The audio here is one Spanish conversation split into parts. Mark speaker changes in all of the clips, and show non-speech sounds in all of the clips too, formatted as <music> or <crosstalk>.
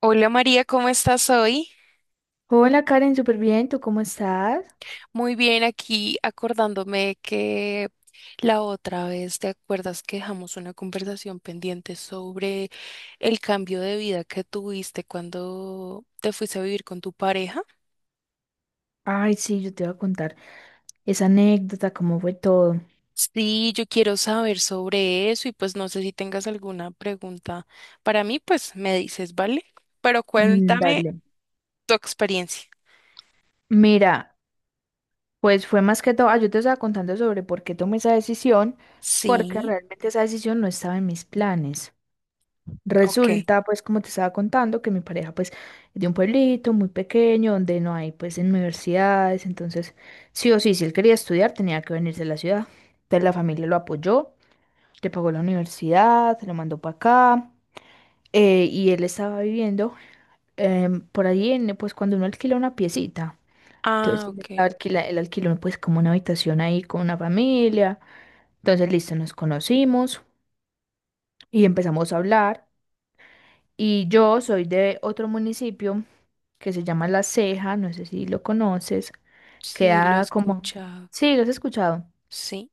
Speaker 1: Hola María, ¿cómo estás hoy?
Speaker 2: Hola Karen, súper bien, ¿tú cómo estás?
Speaker 1: Muy bien, aquí acordándome que la otra vez, ¿te acuerdas que dejamos una conversación pendiente sobre el cambio de vida que tuviste cuando te fuiste a vivir con tu pareja?
Speaker 2: Ay, sí, yo te voy a contar esa anécdota, cómo fue todo.
Speaker 1: Sí, yo quiero saber sobre eso y pues no sé si tengas alguna pregunta para mí, pues me dices, ¿vale? Pero
Speaker 2: Mm,
Speaker 1: cuéntame
Speaker 2: dale.
Speaker 1: tu experiencia.
Speaker 2: Mira, pues fue más que todo, yo te estaba contando sobre por qué tomé esa decisión, porque
Speaker 1: Sí,
Speaker 2: realmente esa decisión no estaba en mis planes.
Speaker 1: ok.
Speaker 2: Resulta, pues, como te estaba contando, que mi pareja, pues, es de un pueblito muy pequeño, donde no hay, pues, universidades, entonces, sí o sí, si él quería estudiar, tenía que venirse a la ciudad. Entonces la familia lo apoyó, le pagó la universidad, se lo mandó para acá. Y él estaba viviendo por ahí, pues cuando uno alquila una piecita. Entonces
Speaker 1: Ah, ok.
Speaker 2: él alquiló pues como una habitación ahí con una familia. Entonces, listo, nos conocimos y empezamos a hablar. Y yo soy de otro municipio que se llama La Ceja, no sé si lo conoces.
Speaker 1: Sí, lo he
Speaker 2: Queda como...
Speaker 1: escuchado.
Speaker 2: Sí, lo has escuchado.
Speaker 1: Sí.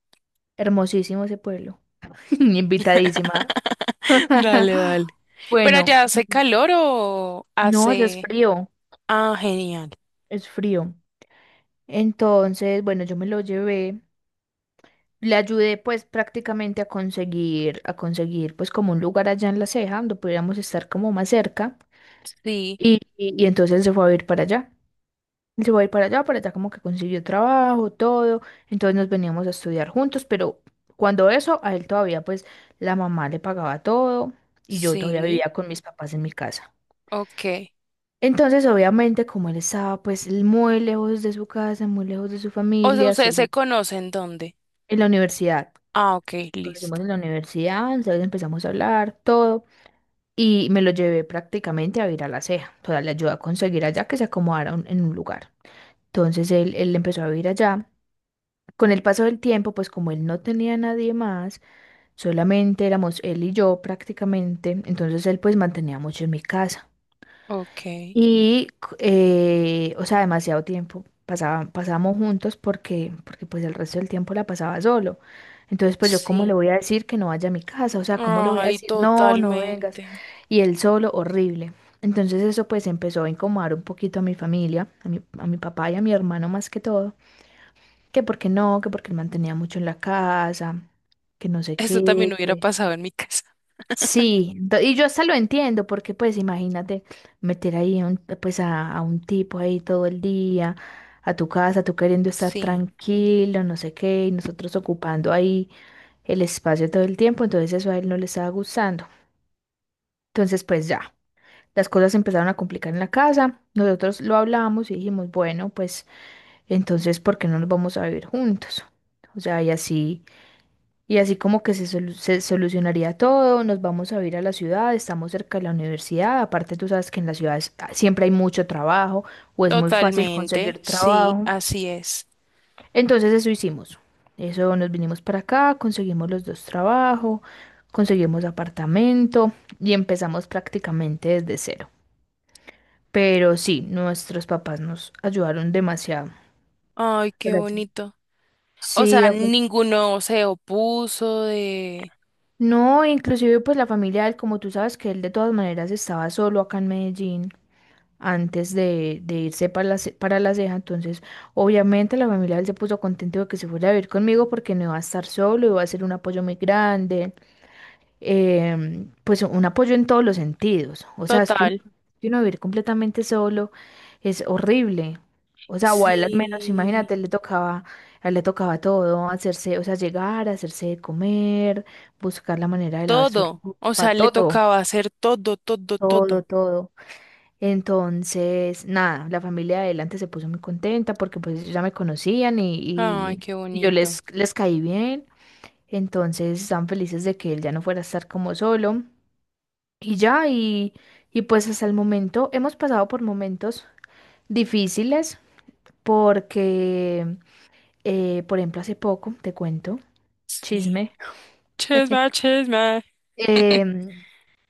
Speaker 2: Hermosísimo ese pueblo. <laughs> Invitadísima.
Speaker 1: <laughs> Dale,
Speaker 2: <laughs>
Speaker 1: dale. ¿Pero
Speaker 2: Bueno,
Speaker 1: ya hace calor o
Speaker 2: no, ya es
Speaker 1: hace...?
Speaker 2: frío,
Speaker 1: Ah, genial.
Speaker 2: es frío. Entonces, bueno, yo me lo llevé. Le ayudé pues prácticamente a conseguir pues como un lugar allá en La Ceja donde pudiéramos estar como más cerca
Speaker 1: Sí,
Speaker 2: y entonces él se fue a ir para allá. Él se fue a ir para allá como que consiguió trabajo, todo. Entonces nos veníamos a estudiar juntos, pero cuando eso, a él todavía pues la mamá le pagaba todo y yo todavía
Speaker 1: sí,
Speaker 2: vivía con mis papás en mi casa.
Speaker 1: ok.
Speaker 2: Entonces obviamente como él estaba pues muy lejos de su casa, muy lejos de su
Speaker 1: O sea,
Speaker 2: familia,
Speaker 1: ¿ustedes se
Speaker 2: solo
Speaker 1: conocen dónde?
Speaker 2: en la universidad.
Speaker 1: Ah, ok,
Speaker 2: Conocimos
Speaker 1: listo.
Speaker 2: en la universidad, entonces empezamos a hablar, todo, y me lo llevé prácticamente a vivir a La Ceja. O sea, le ayudé a conseguir allá que se acomodara en un lugar. Entonces él empezó a vivir allá. Con el paso del tiempo, pues como él no tenía nadie más, solamente éramos él y yo prácticamente, entonces él pues mantenía mucho en mi casa.
Speaker 1: Ok,
Speaker 2: Y, o sea, demasiado tiempo pasamos juntos porque, porque pues el resto del tiempo la pasaba solo. Entonces, pues yo cómo le
Speaker 1: sí.
Speaker 2: voy a decir que no vaya a mi casa, o sea, cómo le voy a
Speaker 1: Ay,
Speaker 2: decir, no, no vengas.
Speaker 1: totalmente.
Speaker 2: Y él solo, horrible. Entonces eso pues empezó a incomodar un poquito a mi familia, a a mi papá y a mi hermano más que todo, que porque no, que porque él mantenía mucho en la casa, que no sé
Speaker 1: Eso también
Speaker 2: qué,
Speaker 1: hubiera
Speaker 2: que...
Speaker 1: pasado en mi casa.
Speaker 2: Sí, y yo hasta lo entiendo, porque pues imagínate meter ahí pues a un tipo ahí todo el día, a tu casa, tú queriendo estar
Speaker 1: Sí,
Speaker 2: tranquilo, no sé qué, y nosotros ocupando ahí el espacio todo el tiempo, entonces eso a él no le estaba gustando. Entonces pues ya, las cosas se empezaron a complicar en la casa, nosotros lo hablamos y dijimos, bueno, pues entonces, ¿por qué no nos vamos a vivir juntos? O sea, y así. Y así como que se solucionaría todo, nos vamos a ir a la ciudad, estamos cerca de la universidad, aparte tú sabes que en las ciudades siempre hay mucho trabajo o es muy fácil
Speaker 1: totalmente.
Speaker 2: conseguir
Speaker 1: Sí,
Speaker 2: trabajo.
Speaker 1: así es.
Speaker 2: Entonces eso hicimos. Eso nos vinimos para acá, conseguimos los dos trabajos, conseguimos apartamento y empezamos prácticamente desde cero. Pero sí, nuestros papás nos ayudaron demasiado.
Speaker 1: Ay, qué
Speaker 2: Gracias.
Speaker 1: bonito. O
Speaker 2: Sí,
Speaker 1: sea, ninguno se opuso de...
Speaker 2: no, inclusive pues la familia de él, como tú sabes que él de todas maneras estaba solo acá en Medellín antes de irse para para La Ceja, entonces obviamente la familia de él se puso contento de que se fuera a vivir conmigo porque no iba a estar solo, iba a ser un apoyo muy grande, pues un apoyo en todos los sentidos. O sea, es
Speaker 1: Total.
Speaker 2: que uno vivir completamente solo es horrible. O sea, o a él al menos,
Speaker 1: Sí.
Speaker 2: imagínate, le tocaba, a él le tocaba todo, hacerse, o sea, llegar, hacerse de comer, buscar la manera de lavar su
Speaker 1: Todo. O sea,
Speaker 2: ropa,
Speaker 1: le
Speaker 2: todo,
Speaker 1: tocaba hacer todo, todo,
Speaker 2: todo,
Speaker 1: todo.
Speaker 2: todo. Entonces, nada, la familia de él antes se puso muy contenta porque pues ellos ya me conocían y,
Speaker 1: Ay,
Speaker 2: y,
Speaker 1: qué
Speaker 2: y yo
Speaker 1: bonito.
Speaker 2: les caí bien. Entonces, estaban felices de que él ya no fuera a estar como solo. Y ya, y pues hasta el momento hemos pasado por momentos difíciles porque, por ejemplo, hace poco, te cuento,
Speaker 1: Sí.
Speaker 2: chisme,
Speaker 1: Chisme, chisme.
Speaker 2: em,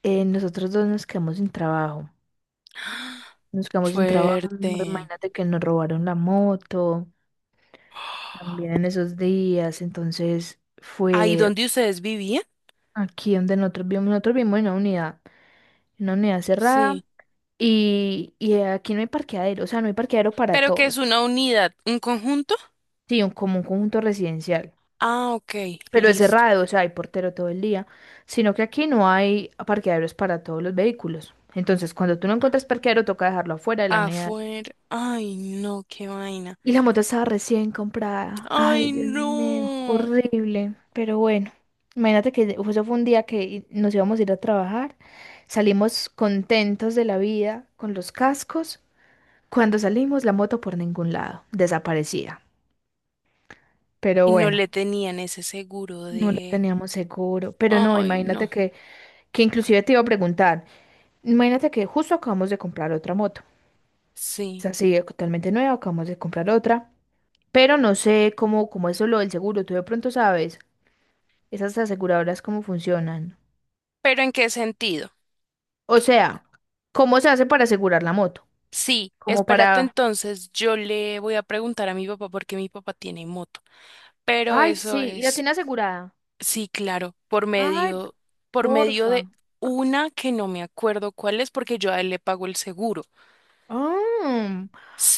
Speaker 2: nosotros dos nos quedamos sin trabajo. Nos quedamos sin trabajo,
Speaker 1: Fuerte.
Speaker 2: imagínate que nos robaron la moto también en esos días, entonces
Speaker 1: ¿Ahí
Speaker 2: fue
Speaker 1: donde ustedes vivían?
Speaker 2: aquí donde nosotros vivimos en una unidad cerrada
Speaker 1: Sí.
Speaker 2: y aquí no hay parqueadero, o sea, no hay parqueadero para
Speaker 1: ¿Pero que
Speaker 2: todo.
Speaker 1: es una unidad, un conjunto?
Speaker 2: Sí, un, como un conjunto residencial,
Speaker 1: Ah, ok,
Speaker 2: pero es
Speaker 1: listo.
Speaker 2: cerrado, o sea, hay portero todo el día, sino que aquí no hay parqueaderos para todos los vehículos. Entonces, cuando tú no encuentras parqueadero, toca dejarlo afuera de la unidad.
Speaker 1: Afuera. Ay, no, qué vaina.
Speaker 2: Y la moto estaba recién comprada. Ay,
Speaker 1: Ay,
Speaker 2: Dios mío,
Speaker 1: no.
Speaker 2: horrible. Pero bueno, imagínate que eso fue un día que nos íbamos a ir a trabajar, salimos contentos de la vida con los cascos. Cuando salimos, la moto por ningún lado, desaparecida. Pero
Speaker 1: Y no
Speaker 2: bueno,
Speaker 1: le tenían ese seguro
Speaker 2: no lo
Speaker 1: de...
Speaker 2: teníamos seguro. Pero no,
Speaker 1: Ay,
Speaker 2: imagínate
Speaker 1: no.
Speaker 2: que inclusive te iba a preguntar, imagínate que justo acabamos de comprar otra moto. Es
Speaker 1: Sí.
Speaker 2: así, totalmente nueva, acabamos de comprar otra. Pero no sé cómo, cómo es lo del seguro. Tú de pronto sabes esas aseguradoras cómo funcionan.
Speaker 1: ¿Pero en qué sentido?
Speaker 2: O sea, ¿cómo se hace para asegurar la moto?
Speaker 1: Sí,
Speaker 2: Como
Speaker 1: espérate
Speaker 2: para...
Speaker 1: entonces, yo le voy a preguntar a mi papá porque mi papá tiene moto, pero
Speaker 2: Ay,
Speaker 1: eso
Speaker 2: sí, y la
Speaker 1: es,
Speaker 2: tiene asegurada.
Speaker 1: sí, claro, por
Speaker 2: Ay,
Speaker 1: medio, por medio
Speaker 2: porfa.
Speaker 1: de una que no me acuerdo cuál es porque yo a él le pago el seguro.
Speaker 2: Ah,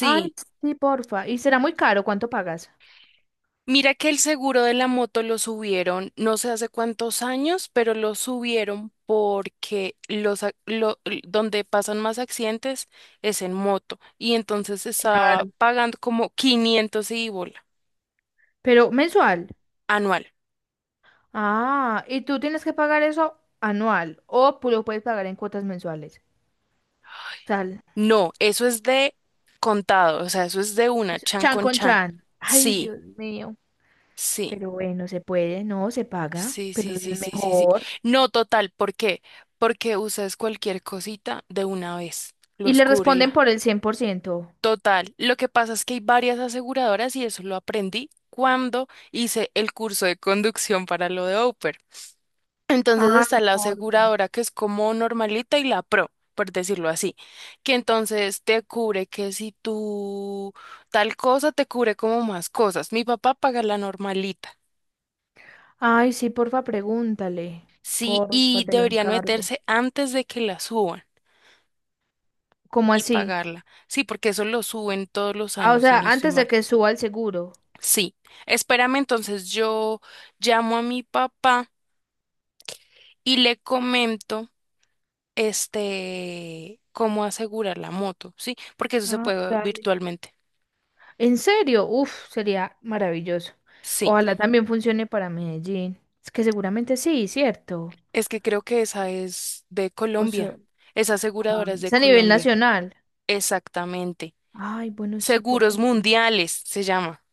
Speaker 2: ay, sí, porfa. ¿Y será muy caro? ¿Cuánto pagas?
Speaker 1: mira que el seguro de la moto lo subieron, no sé hace cuántos años, pero lo subieron porque los, ac- lo- l- donde pasan más accidentes es en moto y entonces estaba
Speaker 2: Claro.
Speaker 1: pagando como 500 y bola
Speaker 2: Pero mensual.
Speaker 1: anual.
Speaker 2: Ah, ¿y tú tienes que pagar eso anual o lo puedes pagar en cuotas mensuales? O sea,
Speaker 1: No, eso es de contado, o sea, eso es de una,
Speaker 2: eso es
Speaker 1: chan
Speaker 2: chan
Speaker 1: con
Speaker 2: con
Speaker 1: chan.
Speaker 2: chan. Ay,
Speaker 1: Sí,
Speaker 2: Dios mío.
Speaker 1: sí,
Speaker 2: Pero bueno, se puede, no, se paga,
Speaker 1: sí,
Speaker 2: pero
Speaker 1: sí,
Speaker 2: eso
Speaker 1: sí,
Speaker 2: es
Speaker 1: sí, sí, sí.
Speaker 2: mejor.
Speaker 1: No, total, ¿por qué? Porque usas cualquier cosita de una vez,
Speaker 2: ¿Y
Speaker 1: los
Speaker 2: le responden
Speaker 1: cúbrela.
Speaker 2: por el 100%?
Speaker 1: Total, lo que pasa es que hay varias aseguradoras y eso lo aprendí cuando hice el curso de conducción para lo de Oper. Entonces
Speaker 2: Ay,
Speaker 1: está la
Speaker 2: porfa.
Speaker 1: aseguradora que es como normalita y la pro, por decirlo así, que entonces te cubre que si tú tal cosa te cubre como más cosas. Mi papá paga la normalita,
Speaker 2: Ay, sí, porfa, pregúntale.
Speaker 1: sí,
Speaker 2: Porfa,
Speaker 1: y
Speaker 2: te lo
Speaker 1: deberían
Speaker 2: encargo.
Speaker 1: meterse antes de que la suban
Speaker 2: ¿Cómo
Speaker 1: y
Speaker 2: así?
Speaker 1: pagarla. Sí, porque eso lo suben todos los
Speaker 2: Ah, o
Speaker 1: años, si
Speaker 2: sea,
Speaker 1: no estoy
Speaker 2: antes de
Speaker 1: mal.
Speaker 2: que suba el seguro.
Speaker 1: Sí, espérame, entonces yo llamo a mi papá y le comento. Cómo asegurar la moto, ¿sí? Porque eso se
Speaker 2: Ah,
Speaker 1: puede
Speaker 2: dale.
Speaker 1: virtualmente.
Speaker 2: ¿En serio? Uf, sería maravilloso.
Speaker 1: Sí,
Speaker 2: Ojalá también funcione para Medellín. Es que seguramente sí, ¿cierto?
Speaker 1: es que creo que esa es de
Speaker 2: O sea,
Speaker 1: Colombia. Esa
Speaker 2: ah,
Speaker 1: aseguradora es de
Speaker 2: es a nivel
Speaker 1: Colombia.
Speaker 2: nacional.
Speaker 1: Exactamente.
Speaker 2: Ay, bueno, sí, por
Speaker 1: Seguros
Speaker 2: favor.
Speaker 1: Mundiales se llama.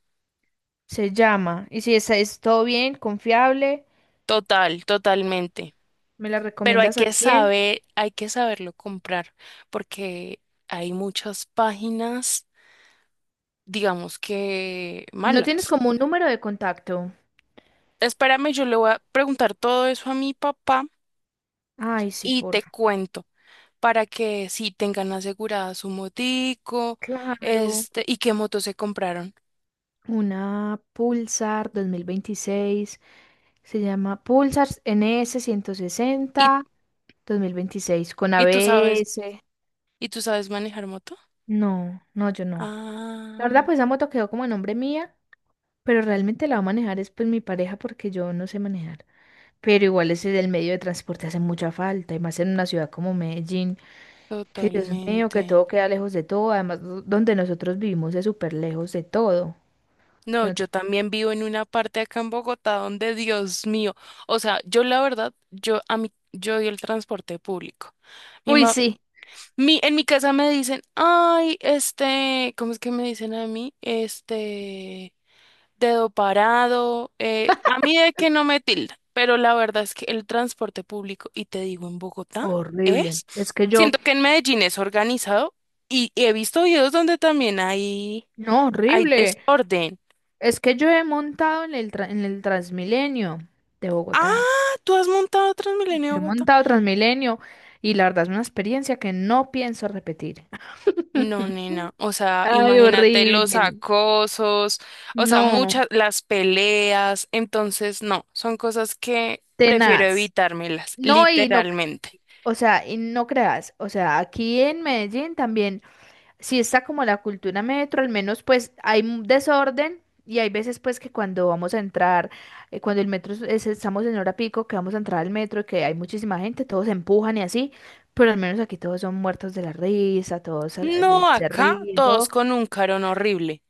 Speaker 2: Se llama. Y si es, es todo bien, confiable,
Speaker 1: Total, totalmente.
Speaker 2: me la
Speaker 1: Pero hay
Speaker 2: recomiendas al
Speaker 1: que
Speaker 2: cien.
Speaker 1: saber, hay que saberlo comprar, porque hay muchas páginas, digamos que
Speaker 2: ¿No tienes
Speaker 1: malas.
Speaker 2: como un número de contacto?
Speaker 1: Espérame, yo le voy a preguntar todo eso a mi papá
Speaker 2: Ay, sí,
Speaker 1: y
Speaker 2: por.
Speaker 1: te cuento. Para que sí tengan asegurada su motico,
Speaker 2: Claro.
Speaker 1: y qué moto se compraron.
Speaker 2: Una Pulsar 2026. Se llama Pulsar NS
Speaker 1: ¿Y,
Speaker 2: 1026 con
Speaker 1: y tú sabes,
Speaker 2: ABS.
Speaker 1: y tú sabes manejar moto?
Speaker 2: No, no, yo no. La verdad,
Speaker 1: Ah,
Speaker 2: pues esa moto quedó como a nombre mía, pero realmente la va a manejar es pues mi pareja porque yo no sé manejar. Pero igual ese del medio de transporte hace mucha falta, y más en una ciudad como Medellín, que Dios mío,
Speaker 1: totalmente.
Speaker 2: que todo queda lejos de todo. Además, donde nosotros vivimos es súper lejos de todo.
Speaker 1: No,
Speaker 2: De
Speaker 1: yo
Speaker 2: nosotros-
Speaker 1: también vivo en una parte acá en Bogotá donde, Dios mío, o sea, yo la verdad, yo a mí, yo odio el transporte público. Mi
Speaker 2: Uy,
Speaker 1: ma-
Speaker 2: sí.
Speaker 1: en mi casa me dicen, ay, ¿cómo es que me dicen a mí? Este dedo parado. A mí de que no me tilda, pero la verdad es que el transporte público, y te digo, en Bogotá
Speaker 2: Horrible.
Speaker 1: es,
Speaker 2: Es que yo,
Speaker 1: siento que en Medellín es organizado y he visto videos donde también hay,
Speaker 2: no,
Speaker 1: hay
Speaker 2: horrible.
Speaker 1: desorden.
Speaker 2: Es que yo he montado en en el Transmilenio de Bogotá.
Speaker 1: Ah, ¿tú has montado Transmilenio
Speaker 2: Yo he
Speaker 1: en Bogotá?
Speaker 2: montado Transmilenio y la verdad es una experiencia que no pienso repetir.
Speaker 1: No,
Speaker 2: <laughs>
Speaker 1: nena, o sea,
Speaker 2: Ay,
Speaker 1: imagínate los
Speaker 2: horrible.
Speaker 1: acosos, o sea,
Speaker 2: No,
Speaker 1: muchas, las peleas, entonces no, son cosas que prefiero
Speaker 2: tenaz.
Speaker 1: evitármelas,
Speaker 2: No, y no,
Speaker 1: literalmente.
Speaker 2: o sea, y no creas, o sea, aquí en Medellín también. Sí, está como la cultura metro, al menos pues hay un desorden y hay veces pues que cuando vamos a entrar, cuando el metro estamos en hora pico, que vamos a entrar al metro, que hay muchísima gente, todos se empujan y así, pero al menos aquí todos son muertos de la risa, todos
Speaker 1: No,
Speaker 2: se
Speaker 1: acá
Speaker 2: ríen,
Speaker 1: todos
Speaker 2: todo.
Speaker 1: con un carón horrible.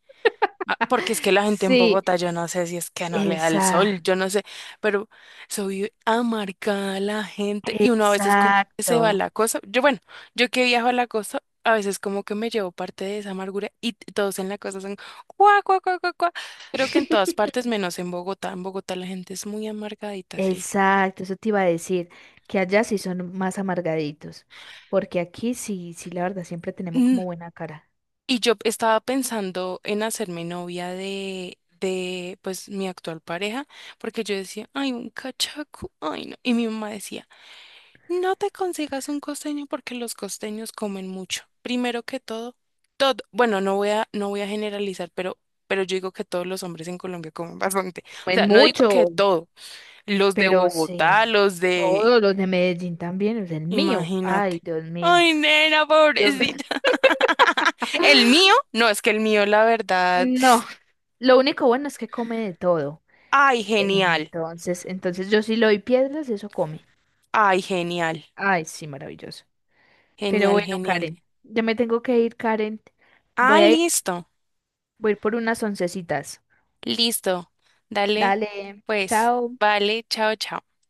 Speaker 1: Ah, porque es que la gente en
Speaker 2: Sí,
Speaker 1: Bogotá, yo no sé si es que no le da el sol,
Speaker 2: esa,
Speaker 1: yo no sé, pero soy amargada la gente y uno a veces como que se va a
Speaker 2: exacto,
Speaker 1: la cosa. Yo, bueno, yo que viajo a la costa, a veces como que me llevo parte de esa amargura y todos en la costa son cuá, cuá, cuá, cuá, cuá. Creo que en todas
Speaker 2: <laughs>
Speaker 1: partes, menos en Bogotá. En Bogotá la gente es muy amargadita, sí.
Speaker 2: exacto, eso te iba a decir, que allá sí son más amargaditos, porque aquí sí, sí, la verdad, siempre tenemos como buena cara.
Speaker 1: Y yo estaba pensando en hacerme novia de, pues, mi actual pareja, porque yo decía, ay, un cachaco, ay, no. Y mi mamá decía, no te consigas un costeño porque los costeños comen mucho. Primero que todo, bueno, no voy a generalizar, pero yo digo que todos los hombres en Colombia comen bastante. O
Speaker 2: Comen
Speaker 1: sea, no digo que
Speaker 2: mucho.
Speaker 1: todo, los de
Speaker 2: Pero
Speaker 1: Bogotá,
Speaker 2: sí,
Speaker 1: los de
Speaker 2: todos los de Medellín también, es el mío. Ay,
Speaker 1: Imagínate.
Speaker 2: Dios mío.
Speaker 1: Ay, nena,
Speaker 2: Dios mío.
Speaker 1: pobrecita.
Speaker 2: <laughs>
Speaker 1: <laughs> El mío, no, es que el mío, la verdad.
Speaker 2: No, lo único bueno es que come de todo.
Speaker 1: Ay, genial.
Speaker 2: Entonces, entonces yo sí le doy piedras, eso come.
Speaker 1: Ay, genial.
Speaker 2: Ay, sí, maravilloso. Pero
Speaker 1: Genial,
Speaker 2: bueno,
Speaker 1: genial.
Speaker 2: Karen, ya me tengo que ir, Karen.
Speaker 1: Ah,
Speaker 2: Voy a ir,
Speaker 1: listo.
Speaker 2: voy a ir por unas oncecitas.
Speaker 1: Listo. Dale.
Speaker 2: Dale,
Speaker 1: Pues,
Speaker 2: chao.
Speaker 1: vale, chao, chao.